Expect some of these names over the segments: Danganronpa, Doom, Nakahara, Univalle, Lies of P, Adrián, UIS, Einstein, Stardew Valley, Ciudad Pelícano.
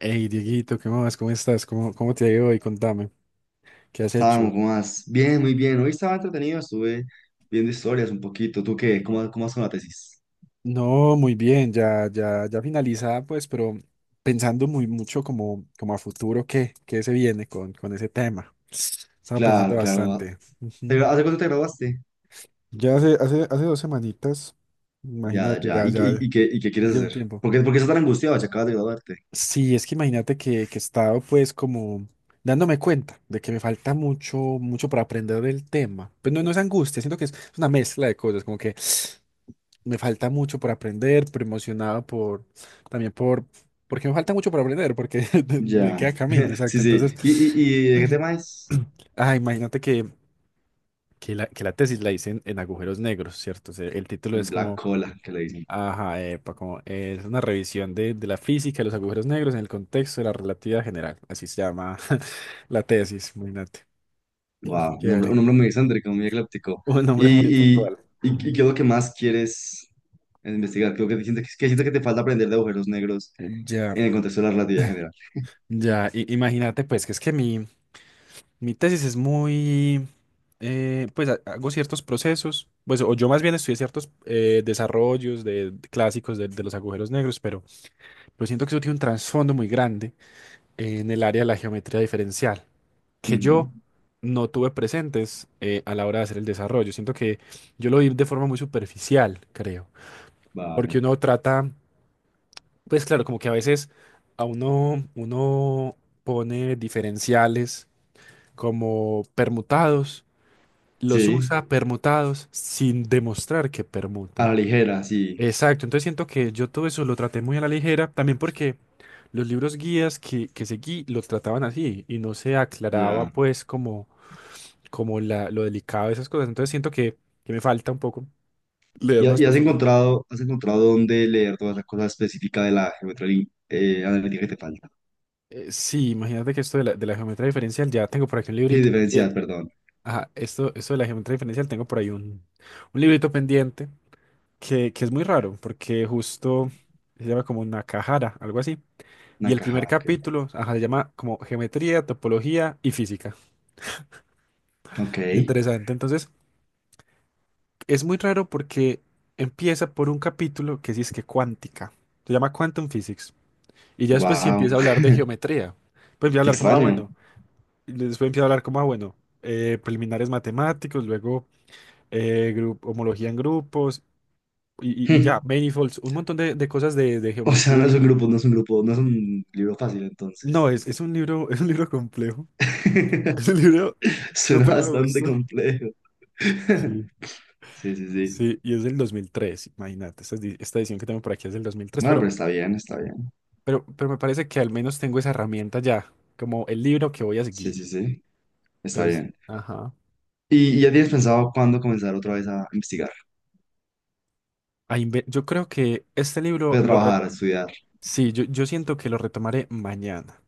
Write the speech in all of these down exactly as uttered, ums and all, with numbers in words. Hey, Dieguito, ¿qué más? ¿Cómo estás? ¿Cómo, cómo te ha ido hoy? Contame, ¿qué has hecho? Estaban más. Bien, muy bien. Hoy estaba entretenido, estuve viendo historias un poquito. ¿Tú qué? ¿Cómo, cómo vas con la tesis? No, muy bien, ya, ya, ya finalizada, pues, pero pensando muy mucho como, como a futuro, ¿qué, qué se viene con, con ese tema? Estaba pensando Claro, claro. bastante. ¿Te- Ujú. ¿Hace cuánto te graduaste? Ya hace, hace, hace dos semanitas, Ya, imagínate, ya. ya, ¿Y, qué- y, ya, y qué, y qué ya quieres lleva un hacer? tiempo. ¿Por qué, por qué estás tan angustiado si acabas de graduarte? Sí, es que imagínate que, que he estado pues como dándome cuenta de que me falta mucho, mucho para aprender del tema. Pues no, no es angustia, siento que es una mezcla de cosas, como que me falta mucho por aprender, pero emocionado por, también por, porque me falta mucho por aprender, porque me Ya. queda camino, Sí, exacto. sí. ¿Y, Entonces, y, y de qué tema es? ah, imagínate que, que la, que la tesis la hice en, en agujeros negros, ¿cierto? O sea, el título En es Black como, Cola, que le dicen. ajá, epa, como eh, es una revisión de, de la física de los agujeros negros en el contexto de la relatividad general. Así se llama la tesis, imagínate. Wow, un nombre Chévere. un nombre muy excéntrico, muy ecléptico. Un ¿Y, nombre muy y, puntual. y, y Ujú. qué es lo que más quieres investigar? Creo que sientes que, que sientes que te falta aprender de agujeros negros Ya, en el contexto de la relatividad general. ya, i- imagínate pues que es que mi, Mi tesis es muy, eh, pues ha- hago ciertos procesos, pues o yo más bien estudié ciertos eh, desarrollos de, de clásicos de, de los agujeros negros, pero, pero siento que eso tiene un trasfondo muy grande en el área de la geometría diferencial, que Ujú. yo no tuve presentes eh, a la hora de hacer el desarrollo. Siento que yo lo vi de forma muy superficial, creo, porque Vale. uno trata, pues claro, como que a veces a uno, uno pone diferenciales como permutados los Sí, usa permutados sin demostrar que a la permutan. ligera, sí, Exacto, entonces siento que yo todo eso lo traté muy a la ligera, también porque los libros guías que, que seguí los trataban así y no se aclaraba ya. pues como, como la, lo delicado de esas cosas, entonces siento que, que me falta un poco leer ¿Y, ha- más y has profundidad. encontrado, has encontrado dónde leer todas las cosas específicas de la geometría lin- eh, analítica que te falta? Eh, sí, imagínate que esto de la, de la geometría diferencial, ya tengo por aquí un Y librito diferencial, pendiente. perdón. Ajá, esto, esto de la geometría diferencial, tengo por ahí un, un librito pendiente que, que es muy raro, porque justo se llama como Nakahara, algo así. Y el primer Nakahara, ok. capítulo, ajá, se llama como Geometría, Topología y Física. Ok, Interesante. Entonces, es muy raro porque empieza por un capítulo que sí es que cuántica. Se llama Quantum Physics. Y ya después sí wow, empieza a hablar de geometría. Pues empieza a qué hablar como, ah, extraño. bueno. Y después empieza a hablar como, ah, bueno, eh, preliminares matemáticos, luego eh, gru- homología en grupos y, y- y Hmm. ya, manifolds, un montón de, de cosas de, de O sea, geometría. no es un grupo, no es un grupo, no es un libro fácil No, entonces. es, es un libro, es un libro complejo. Es un libro Suena súper bastante robusto. complejo. Sí. Sí, sí, sí. Sí, y es del dos mil tres, imagínate. Esta, edi- esta edición que tengo por aquí es del dos mil tres Bueno, pero, pero está bien, está bien. pero, pero me parece que al menos tengo esa herramienta ya, como el libro que voy a Sí, sí, seguir. sí, está Entonces, bien. ajá. ¿Y y ya tienes pensado cuándo comenzar otra vez a investigar? a inve- Yo creo que este libro Voy a lo reto. trabajar, a estudiar. Sí, yo, yo siento que lo retomaré mañana.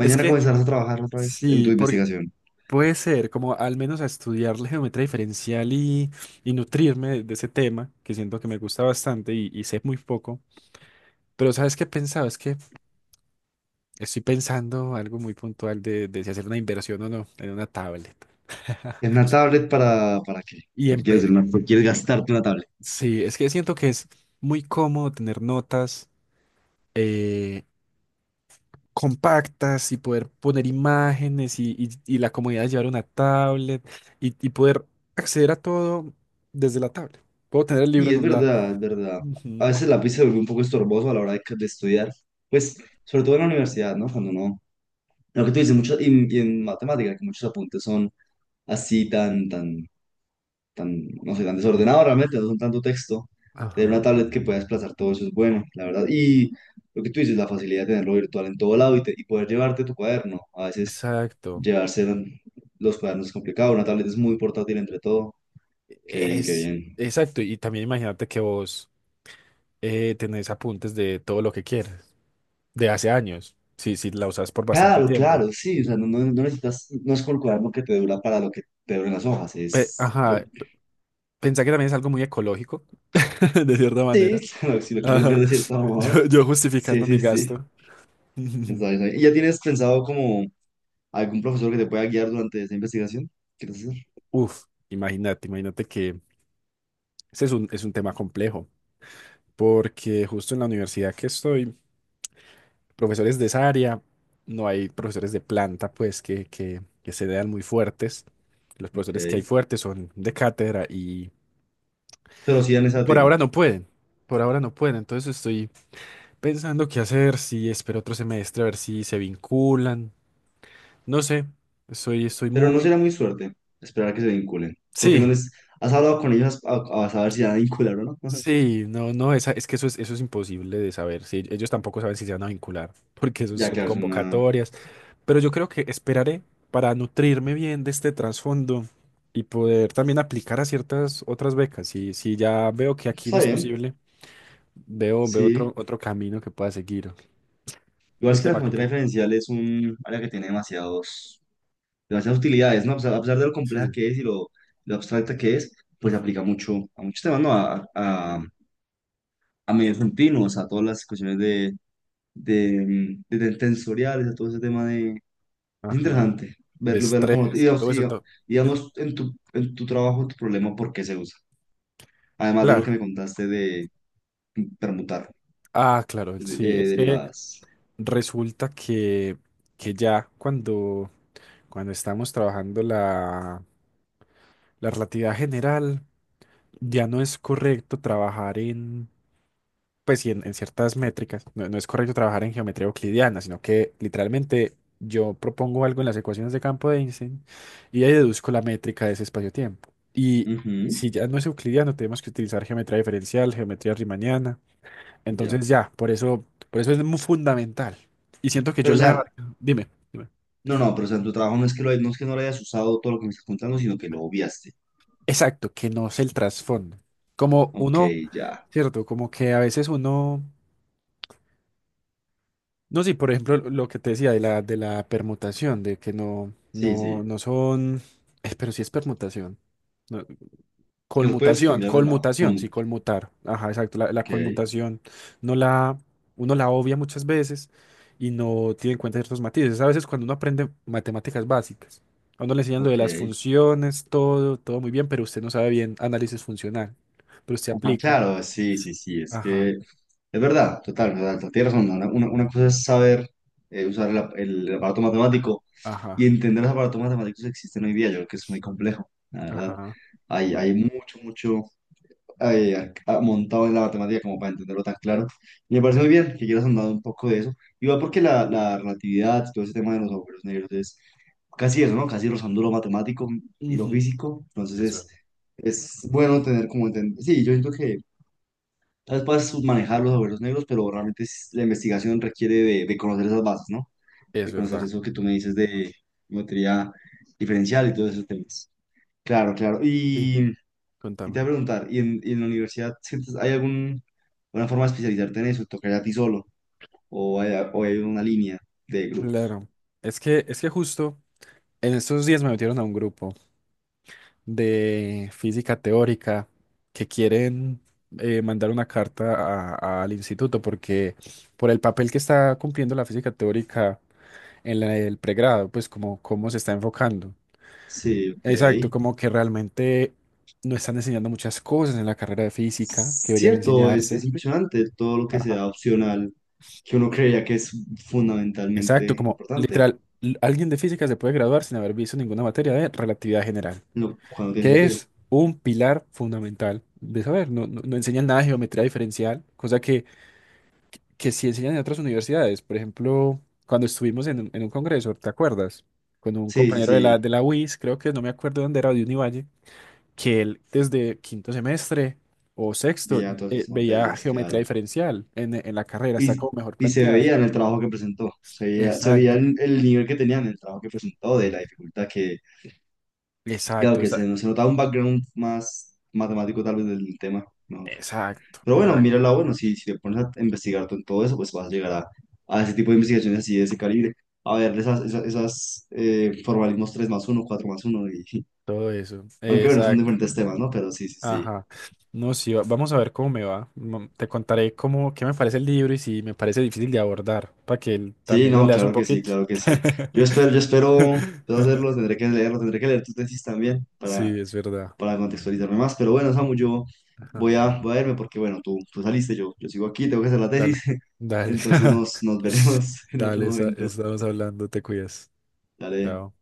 Es Mañana que, comenzarás a trabajar otra vez en tu sí, porque investigación. puede ser, como al menos a estudiar la geometría diferencial y, y nutrirme de, de ese tema, que siento que me gusta bastante y, y sé muy poco. Pero ¿sabes qué he pensado? Es que estoy pensando algo muy puntual de, de si hacer una inversión o no en una tablet. ¿En una tablet para, para qué? Y Porque quieres, hacer empe- una, por qué quieres gastarte una tablet. sí, es que siento que es muy cómodo tener notas eh, compactas y poder poner imágenes y, y- y la comodidad de llevar una tablet y, y poder acceder a todo desde la tablet. Puedo tener el libro Y en es un lado. verdad, es verdad. A Ujú. veces el lápiz se vuelve un poco estorboso a la hora de, de estudiar. Pues, sobre todo en la universidad, ¿no? Cuando no. Lo que tú dices, mucho, y, y en matemáticas, que muchos apuntes son así tan, tan tan, no sé, tan Sí. desordenado realmente, no son tanto texto. Tener una Ajá, tablet que pueda desplazar todo eso es bueno, la verdad. Y lo que tú dices, la facilidad de tenerlo virtual en todo lado y, te- y poder llevarte tu cuaderno. A veces exacto. llevarse los cuadernos es complicado, una tablet es muy portátil entre todo. Qué bien, qué Es, bien. exacto. Y también imagínate que vos eh, tenés apuntes de todo lo que quieres, de hace años. Sí, sí, la usas por bastante Claro, tiempo. claro, sí, o sea, no, no, no necesitas, no es como el cuaderno que te dura para lo que te duran las hojas, Pe- es... lo- Ajá, pensá que también es algo muy ecológico, de cierta sí, manera. claro, si lo quieres ver Ajá, de cierto yo, modo. yo Sí, justificando mi sí, sí. gasto. Está bien, está bien. ¿Y ya tienes pensado como algún profesor que te pueda guiar durante esta investigación? ¿Quieres hacer? Uf, imagínate, imagínate que ese es un, es un tema complejo, porque justo en la universidad que estoy profesores de esa área, no hay profesores de planta, pues, que, que, que se vean muy fuertes. Los profesores que hay Ok. fuertes son de cátedra y, Pero sí dan y ese por tema. ahora no pueden. Por ahora no pueden. Entonces estoy pensando qué hacer, si espero otro semestre, a ver si se vinculan. No sé, estoy, estoy Pero no muy... será muy suerte esperar a que se vinculen. Porque no Sí, les... ¿Has hablado con ellos a, a saber si van a vincular o no? sí, no, no, esa, es que eso es, eso es imposible de saber. Sí, ellos tampoco saben si se van a vincular, porque eso Ya, son claro, es una... convocatorias. Pero yo creo que esperaré para nutrirme bien de este trasfondo y poder también aplicar a ciertas otras becas. Si, si ya veo que aquí no Está es bien, posible, veo, veo otro, sí. otro camino que pueda seguir. Igual Es es un que la tema geometría complicado. diferencial es un área que tiene demasiados, demasiadas utilidades, ¿no? O sea, a pesar de lo compleja Sí. que es y lo, lo abstracta que es, pues se Ujú. aplica mucho a muchos temas, ¿no? A, a, a medios continuos, a todas las cuestiones de, de, de, de tensoriales, a todo ese tema de. Es Ajá. interesante De verlo, verlo como, estrés y, y o todo eso. sea, Todo. Dime. digamos, en tu, en tu trabajo, tu problema, ¿por qué se usa? Además de lo que Claro. me contaste de permutar Ah, claro. de- Sí, eh, es que derivadas. resulta que, que ya cuando, cuando estamos trabajando la, la relatividad general, ya no es correcto trabajar pues sí, en, en ciertas métricas, no, no es correcto trabajar en geometría euclidiana, sino que literalmente yo propongo algo en las ecuaciones de campo de Einstein y ahí deduzco la métrica de ese espacio-tiempo. Y Ujú, si ya no es euclidiano, tenemos que utilizar geometría diferencial, geometría riemanniana. ya. Entonces ya, por eso, por eso es muy fundamental. Y siento que yo Pero, o sea, la... Dime, dime. no, no, pero o sea, en tu trabajo no es que lo, hay- no es que no lo hayas usado todo lo que me estás contando, sino que lo obviaste. Exacto, que no es el trasfondo. Como Ok, uno, ya. cierto, como que a veces uno... No, sí, por ejemplo, lo que te decía de la, de la permutación, de que no, Sí, no, sí. no son, eh, pero sí es permutación. No, Que lo puedes colmutación, cambiar de lado. colmutación, Como, sí, colmutar. Ajá, exacto. La, la ok, colmutación no la, uno la obvia muchas veces y no tiene en cuenta ciertos matices. A veces cuando uno aprende matemáticas básicas, a uno le enseñan lo de ok. las funciones, todo, todo muy bien, pero usted no sabe bien análisis funcional. Pero usted Ajá, aplica. claro, sí, sí, sí, es que Ajá, es verdad, total, total, total, tienes razón. Una, una- una cosa es saber eh, usar el, ap- el aparato matemático ajá, y entender los aparatos matemáticos que existen hoy día. Yo creo que es muy complejo, la verdad. ajá, Hay, hay mucho, mucho eh, ac- ah, montado en la matemática como para entenderlo tan claro. Y me parece muy ajá. bien que quieras andar un poco de eso. Igual porque la, la relatividad, todo ese tema de los agujeros negros es casi eso, ¿no? Casi rozando lo matemático y lo Ujú, físico. Entonces es es, verdad. es bueno tener como entender. Sí, yo siento que. Tal vez puedas manejar los agujeros negros, pero realmente es- la investigación requiere de, de conocer esas bases, ¿no? Es De conocer verdad. eso que tú me dices de geometría diferencial y todos esos temas. Claro, claro. Sí, Y, y te contame. voy a preguntar, ¿y en, y en la universidad sientes, hay algún, alguna forma de especializarte en eso? ¿Tocaría a ti solo? ¿O hay, o hay una línea de grupos? Claro. Es que, es que justo en estos días me metieron a un grupo de física teórica que quieren eh, mandar una carta a- al instituto porque por el papel que está cumpliendo la física teórica en la- el pregrado, pues como cómo se está enfocando. Sí, Exacto, ok. como que realmente no están enseñando muchas cosas en la carrera de física que deberían Cierto, es, es enseñarse. impresionante todo lo que Ajá. sea opcional, que uno creía que es Exacto, fundamentalmente como importante, literal, l- alguien de física se puede graduar sin haber visto ninguna materia de relatividad general, lo cual no tiene que sentido. es un pilar fundamental de saber. No, no, no enseñan nada de geometría diferencial, cosa que, que sí enseñan en otras universidades. Por ejemplo, cuando estuvimos en, un en un congreso, ¿te acuerdas? Con un Sí, sí, compañero de la, sí. de la U I S, creo que no me acuerdo dónde era, de Univalle, que él desde quinto semestre o sexto Veía todas eh, sus veía materias, geometría claro. diferencial en, en la carrera, está Y, como mejor y se planteada. veía en el trabajo que presentó, se veía, se veía Exacto. el, el nivel que tenía en el trabajo que presentó, de la dificultad que, claro, Exacto, que se, se notaba un background más matemático tal vez del tema, ¿no? Exacto, Pero bueno, mira exacto. la bueno, si, si te pones a investigar tú en todo eso, pues vas a llegar a, a ese tipo de investigaciones así de ese calibre, a ver esas, esas, esas eh, formalismos tres más uno cuatro más uno y, Todo eso. aunque bueno, son Exacto. diferentes temas, ¿no? Pero sí, sí, sí. Ajá. No, sí, va- vamos a ver cómo me va. Mm, te contaré cómo, qué me parece el libro y si me parece difícil de abordar, para que él Sí, también lo no, leas un claro que sí, poquito. claro que sí. Yo espero, yo espero, espero hacerlo, tendré que leerlo, tendré que leer tu tesis también para, Sí, es verdad. para contextualizarme más. Pero bueno, Samu, yo Ajá. voy a, voy a irme porque, bueno, tú, tú saliste, yo, yo sigo aquí, tengo que hacer la tesis. Dale, dale. Entonces nos, nos veremos en otro Dale, esa- momento. estamos hablando, te cuidas. Dale. Chao.